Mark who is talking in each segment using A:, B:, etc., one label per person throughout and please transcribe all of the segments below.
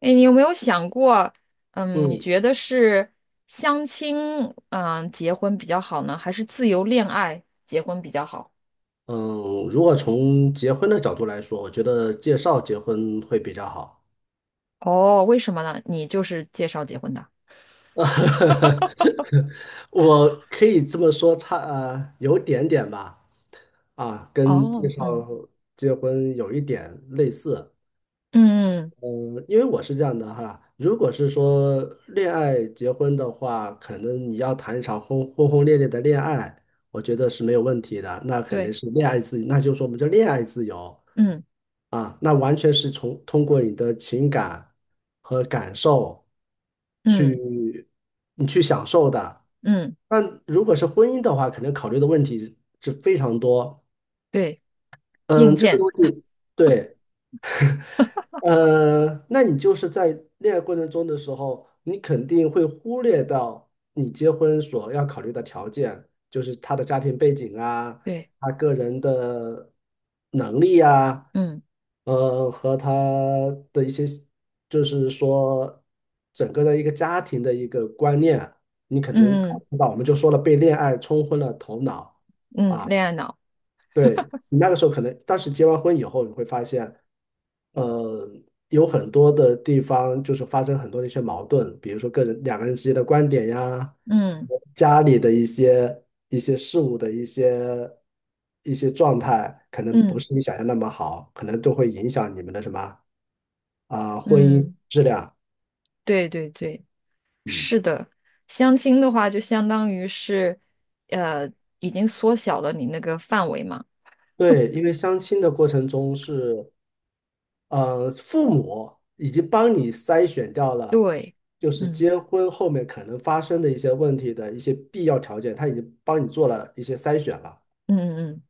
A: 哎，你有没有想过，你
B: 嗯
A: 觉得是相亲、结婚比较好呢，还是自由恋爱结婚比较好？
B: 嗯，如果从结婚的角度来说，我觉得介绍结婚会比较好。
A: 哦，为什么呢？你就是介绍结婚的。
B: 我可以这么说，有点点吧，啊，跟介
A: 哦，
B: 绍
A: 嗯
B: 结婚有一点类似。
A: 嗯，嗯，
B: 嗯，因为我是这样的哈，如果是说恋爱结婚的话，可能你要谈一场轰轰烈烈的恋爱，我觉得是没有问题的。那肯定
A: 对，
B: 是恋爱自由，那就是说我们叫恋爱自由
A: 嗯
B: 啊，那完全是从通过你的情感和感受
A: 嗯
B: 去你去享受的。
A: 嗯，
B: 但如果是婚姻的话，肯定考虑的问题是非常多。
A: 对，硬
B: 嗯，这个
A: 件，
B: 东西，对。那你就是在恋爱过程中的时候，你肯定会忽略到你结婚所要考虑的条件，就是他的家庭背景啊，
A: 对，
B: 他个人的能力啊，
A: 嗯
B: 和他的一些，就是说整个的一个家庭的一个观念啊，你可能考
A: 嗯
B: 虑不到。我们就说了，被恋爱冲昏了头脑。
A: 嗯，恋爱脑，
B: 对，你那个时候可能，但是结完婚以后，你会发现，呃，有很多的地方就是发生很多的一些矛盾，比如说个人两个人之间的观点呀，
A: 嗯
B: 家里的一些事物的一些状态，可能不
A: 嗯
B: 是你想象那么好，可能都会影响你们的什么啊、婚姻
A: 嗯，
B: 质量。
A: 对对对，
B: 嗯，
A: 是的。相亲的话就相当于是，呃，已经缩小了你那个范围嘛。
B: 对，因为相亲的过程中是。父母已经帮你筛选掉了，
A: 对，
B: 就是
A: 嗯
B: 结婚后面可能发生的一些问题的一些必要条件，他已经帮你做了一些筛选了。
A: 嗯嗯嗯，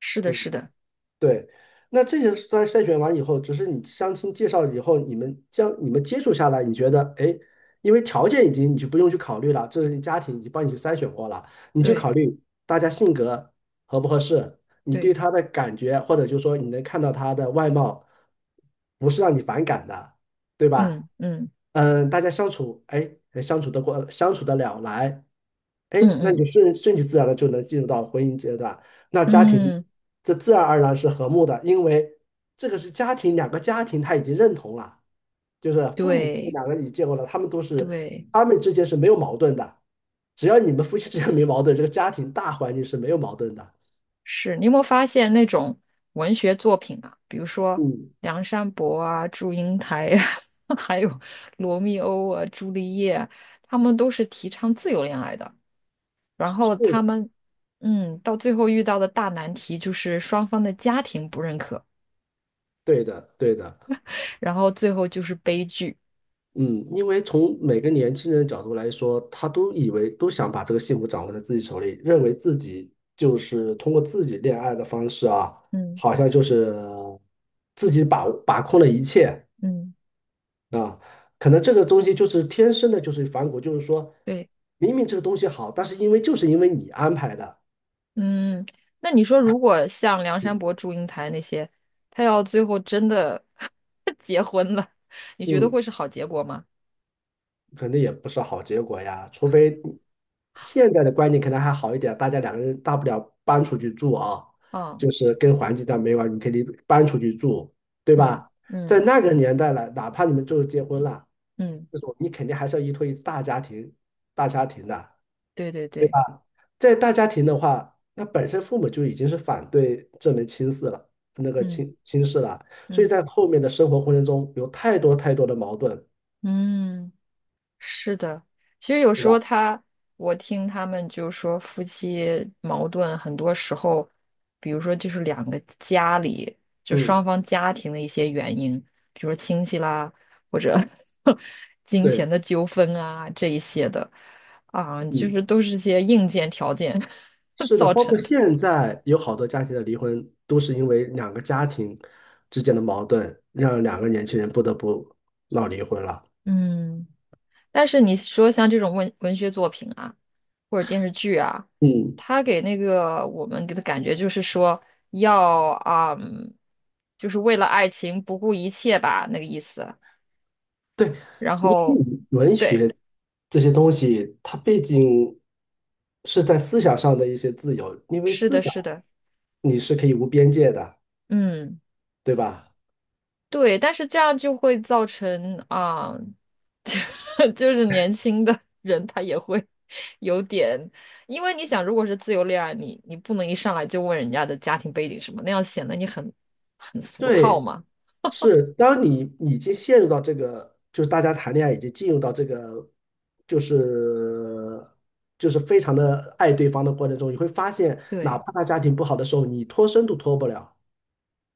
A: 是的，
B: 嗯
A: 是的，
B: 对，那这些筛选完以后，只是你相亲介绍以后，你们将你们接触下来，你觉得，哎，因为条件已经你就不用去考虑了，这是家庭已经帮你去筛选过了，你就
A: 对
B: 考虑大家性格合不合适，你对
A: 对，
B: 他的感觉，或者就是说你能看到他的外貌，不是让你反感的，对吧？
A: 嗯嗯
B: 嗯，大家相处，哎，相处得过，相处得了来，哎，
A: 嗯
B: 那你就
A: 嗯
B: 顺其自然的就能进入到婚姻阶段。那家庭
A: 嗯，
B: 这自然而然是和睦的，因为这个是家庭，两个家庭他已经认同了，就是父母
A: 对
B: 两个已经结婚了，他们都是
A: 对。
B: 他们之间是没有矛盾的，只要你们夫妻之间没矛盾，这个家庭大环境是没有矛盾的。
A: 是你有没有发现那种文学作品啊，比如说
B: 嗯，
A: 梁山伯啊、祝英台呀、还有罗密欧啊、朱丽叶啊，他们都是提倡自由恋爱的，然
B: 是
A: 后他
B: 的
A: 们。嗯，到最后遇到的大难题就是双方的家庭不认可，
B: 对的，对的。
A: 然后最后就是悲剧。
B: 嗯，因为从每个年轻人的角度来说，他都以为都想把这个幸福掌握在自己手里，认为自己就是通过自己恋爱的方式啊，
A: 嗯
B: 好像就是自己把控了一切
A: 嗯。
B: 啊。可能这个东西就是天生的，就是反骨，就是说
A: 对。
B: 明明这个东西好，但是因为就是因为你安排的，
A: 嗯，那你说，如果像梁山
B: 嗯，
A: 伯、祝英台那些，他要最后真的 结婚了，你觉得
B: 嗯
A: 会是好结果吗？
B: 肯定也不是好结果呀。除非现在的观念可能还好一点，大家两个人大不了搬出去住啊，
A: 啊、
B: 就是跟环境上没完，你可以搬出去住，对
A: 嗯
B: 吧？在
A: 嗯
B: 那个年代了，哪怕你们就后结婚了，
A: 嗯，
B: 这种你肯定还是要依托于大家庭、大家庭的。
A: 对对
B: 对
A: 对，
B: 吧？在大家庭的话，那本身父母就已经是反对这门亲事了，那个
A: 嗯
B: 亲事了，所以
A: 嗯
B: 在后面的生活过程中有太多太多的矛盾，
A: 嗯。是的，其实有
B: 对
A: 时
B: 吧？
A: 候他，我听他们就说夫妻矛盾，很多时候，比如说就是两个家里，就双
B: 嗯，
A: 方家庭的一些原因，比如说亲戚啦，或者 金钱
B: 对，
A: 的纠纷啊这一些的，啊，就是
B: 嗯。
A: 都是些硬件条件
B: 是的，
A: 造
B: 包括
A: 成的。
B: 现在有好多家庭的离婚，都是因为两个家庭之间的矛盾，让两个年轻人不得不闹离婚了。
A: 嗯。但是你说像这种文学作品啊，或者电视剧啊，
B: 嗯，
A: 它给那个我们给的感觉就是说要啊、嗯，就是为了爱情不顾一切吧，那个意思。
B: 对，
A: 然
B: 你
A: 后，
B: 文
A: 对，
B: 学这些东西，它毕竟是在思想上的一些自由，因为
A: 是
B: 思
A: 的，
B: 想
A: 是的，
B: 你是可以无边界的，
A: 嗯。
B: 对吧？
A: 对，但是这样就会造成啊，就是年轻的人他也会有点，因为你想，如果是自由恋爱，你不能一上来就问人家的家庭背景什么，那样显得你很很俗套
B: 对，
A: 嘛。
B: 是，当你已经陷入到这个，就是大家谈恋爱已经进入到这个，就是就是非常的爱对方的过程中，你会发现，哪
A: 对
B: 怕他家庭不好的时候，你脱身都脱不了。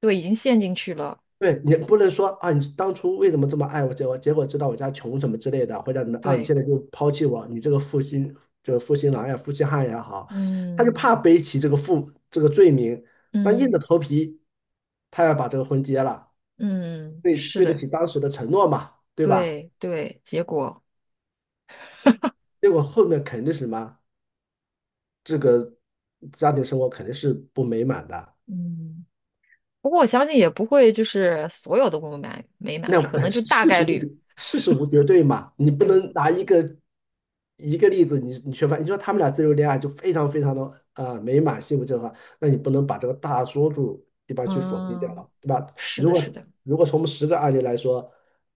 A: 对，已经陷进去了。
B: 对，你不能说啊，你当初为什么这么爱我，结果知道我家穷什么之类的，或者怎么啊，你
A: 对，
B: 现在就抛弃我，你这个就是负心郎呀、负心汉也好，他就
A: 嗯
B: 怕背起这个罪名，但硬
A: 嗯
B: 着头皮，他要把这个婚结了。
A: 嗯，
B: 对
A: 是
B: 对得
A: 的，
B: 起当时的承诺嘛，对吧？
A: 对对，结果
B: 结果后面肯定是什么，这个家庭生活肯定是不美满的。
A: 嗯，不过我相信也不会就是所有的不满美满，
B: 那
A: 可能就大概率。
B: 事实无绝对嘛，你不
A: 对，
B: 能拿一个例子你缺乏，你说他们俩自由恋爱就非常非常的啊美满幸福正常，那你不能把这个大多数地方去否定掉
A: 嗯。
B: 了，对吧？
A: 是的，是的，
B: 如果从我们十个案例来说，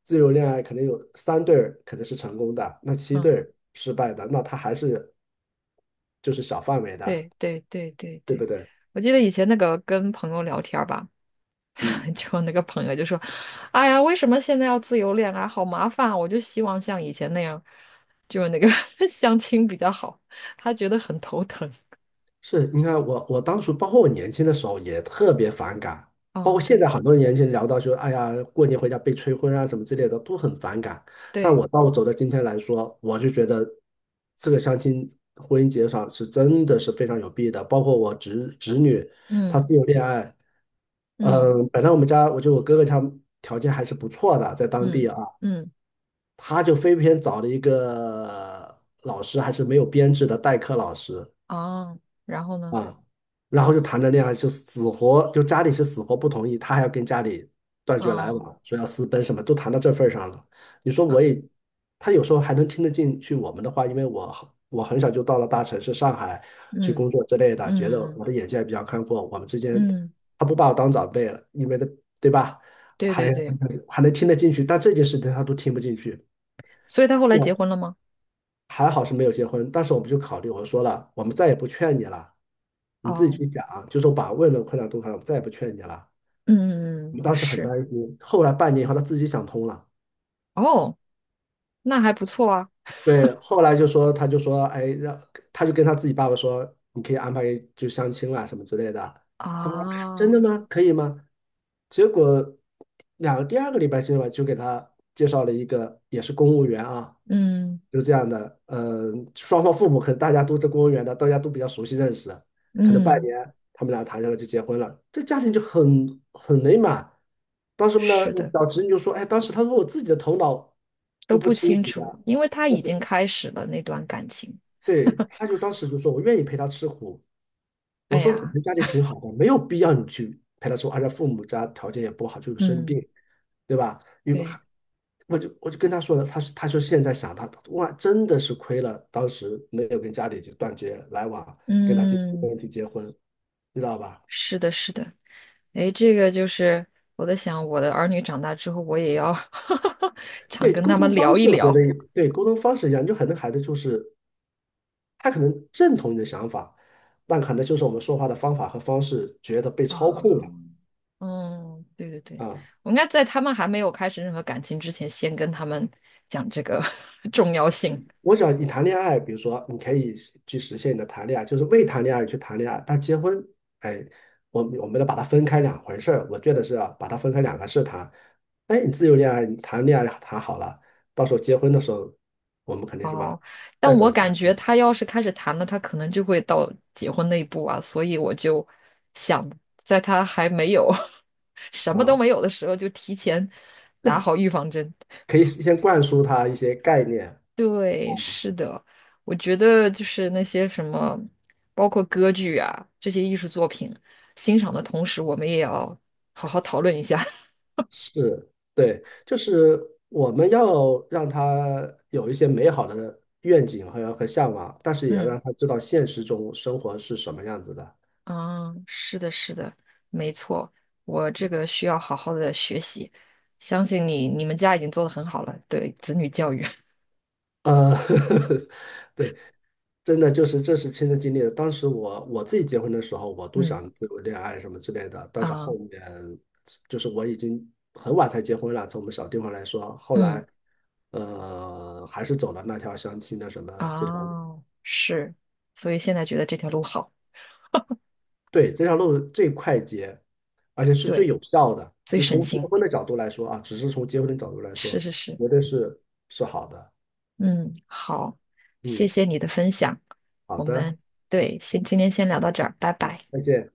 B: 自由恋爱可能有三对儿可能是成功的，那七对
A: 嗯，
B: 儿失败的，那他还是就是小范围的，
A: 对对对对
B: 对不
A: 对。
B: 对？
A: 我记得以前那个跟朋友聊天儿吧，
B: 嗯。
A: 就那个朋友就说：“哎呀，为什么现在要自由恋爱，好麻烦啊！我就希望像以前那样，就是那个 相亲比较好。”他觉得很头疼。
B: 是，你看我，我当初包括我年轻的时候也特别反感，包
A: 嗯，
B: 括现在
A: 对
B: 很多年轻人聊到说，哎呀，过年回家被催婚啊什么之类的，都很反感。但
A: 对，
B: 我到我走到今天来说，我就觉得这个相亲婚姻介绍是真的是非常有弊的。包括我侄女，她
A: 嗯
B: 自由恋爱，
A: 嗯
B: 嗯，本来我们家我觉得我哥哥他条件还是不错的，在当
A: 嗯
B: 地啊，
A: 嗯，
B: 他就非偏找了一个老师，还是没有编制的代课老师。
A: 啊，然后呢？
B: 啊，然后就谈着恋爱，就死活就家里是死活不同意，他还要跟家里断绝来
A: 嗯
B: 往，说要私奔什么，都谈到这份儿上了。你说我
A: 嗯
B: 也，他有时候还能听得进去我们的话，因为我很小就到了大城市上海去
A: 嗯
B: 工作之类的，觉得
A: 嗯
B: 我的眼界比较开阔，我们之间
A: 嗯，
B: 他不把我当长辈了，因为的对吧？
A: 对
B: 还
A: 对对，
B: 还能听得进去，但这件事情他都听不进去。
A: 所以他后来结婚了吗？
B: 还好是没有结婚，当时我们就考虑，我说了，我们再也不劝你了，你自己
A: 哦，
B: 去想，就是我把问困难都看了，我们再也不劝你了。
A: 嗯嗯嗯，
B: 我们
A: 嗯
B: 当时很担
A: 是。
B: 心，后来半年以后他自己想通了。
A: 哦，那还不错啊。
B: 对，后来就说，他就说，哎，让他就跟他自己爸爸说，你可以安排就相亲了什么之类的。他们真
A: 啊，
B: 的吗？可以吗？结果第二个礼拜之吧，就给他介绍了一个也是公务员啊，
A: 嗯
B: 就这样的。嗯，双方父母可能大家都是公务员的，大家都比较熟悉认识，可能半
A: 嗯，
B: 年他们俩谈下来就结婚了，这家庭就很美满。当时呢，
A: 是
B: 我
A: 的，
B: 小侄女就说，哎，当时她说我自己的头脑都
A: 都
B: 不
A: 不
B: 清
A: 清
B: 醒的。
A: 楚，因为他已经开始了那段感情。
B: 对，他就当时就说："我愿意陪他吃苦。"我
A: 哎
B: 说："你
A: 呀，
B: 们家里挺好的，没有必要你去陪他吃苦，而且父母家条件也不好，就是生
A: 嗯，
B: 病，对吧？"因为
A: 对，
B: 我就跟他说了，他说现在想他哇，真的是亏了，当时没有跟家里就断绝来往，
A: 嗯，
B: 跟他去结婚，你知道吧？
A: 是的，是的。哎，这个就是我在想，我的儿女长大之后，我也要 常
B: 对，
A: 跟
B: 沟
A: 他
B: 通
A: 们
B: 方
A: 聊一
B: 式我觉得
A: 聊
B: 对沟通方式一样，就很多孩子就是他可能认同你的想法，但可能就是我们说话的方法和方式觉得被操控了
A: 啊。嗯，对对对，
B: 啊。
A: 我应该在他们还没有开始任何感情之前，先跟他们讲这个 重要性。
B: 我想你谈恋爱，比如说你可以实现你的谈恋爱，就是未谈恋爱去谈恋爱，但结婚，哎，我们得把它分开两回事儿。我觉得是啊，把它分开两个事谈。哎，你自由恋爱，你谈恋爱谈好了，到时候结婚的时候，我们肯定什么
A: 哦，但
B: 再走
A: 我
B: 一
A: 感
B: 儿
A: 觉他要是开始谈了，他可能就会到结婚那一步啊，所以我就想，在他还没有 什么都
B: 啊，
A: 没有的时候，就提前打好预防针。
B: 可以先灌输他一些概念。
A: 对，
B: 啊。
A: 是的，我觉得就是那些什么，包括歌剧啊这些艺术作品，欣赏的同时，我们也要好好讨论一下。
B: 是，对，就是我们要让他有一些美好的愿景和向往，但是也要
A: 嗯。
B: 让他知道现实中生活是什么样子的。
A: 啊，是的，是的，没错，我这个需要好好的学习，相信你，你们家已经做的很好了，对子女教育，
B: 呃，对，真的就是这是亲身经历的。当时我自己结婚的时候，我 都
A: 嗯
B: 想自由恋爱什么之类的，但是后
A: 啊，
B: 面就是我已经很晚才结婚了，从我们小地方来说，后
A: 嗯
B: 来还是走了那条相亲的什么这条。路。
A: 啊，是，所以现在觉得这条路好，
B: 对，这条路最快捷，而且是最
A: 对，
B: 有效的。
A: 最
B: 就
A: 省
B: 从结
A: 心，
B: 婚的角度来说啊，只是从结婚的角度来
A: 是
B: 说，
A: 是是，
B: 绝对是好的。
A: 嗯，好，谢
B: 嗯，
A: 谢你的分享，
B: 好
A: 我
B: 的，
A: 们对，先今天先聊到这儿，拜拜。
B: 再见。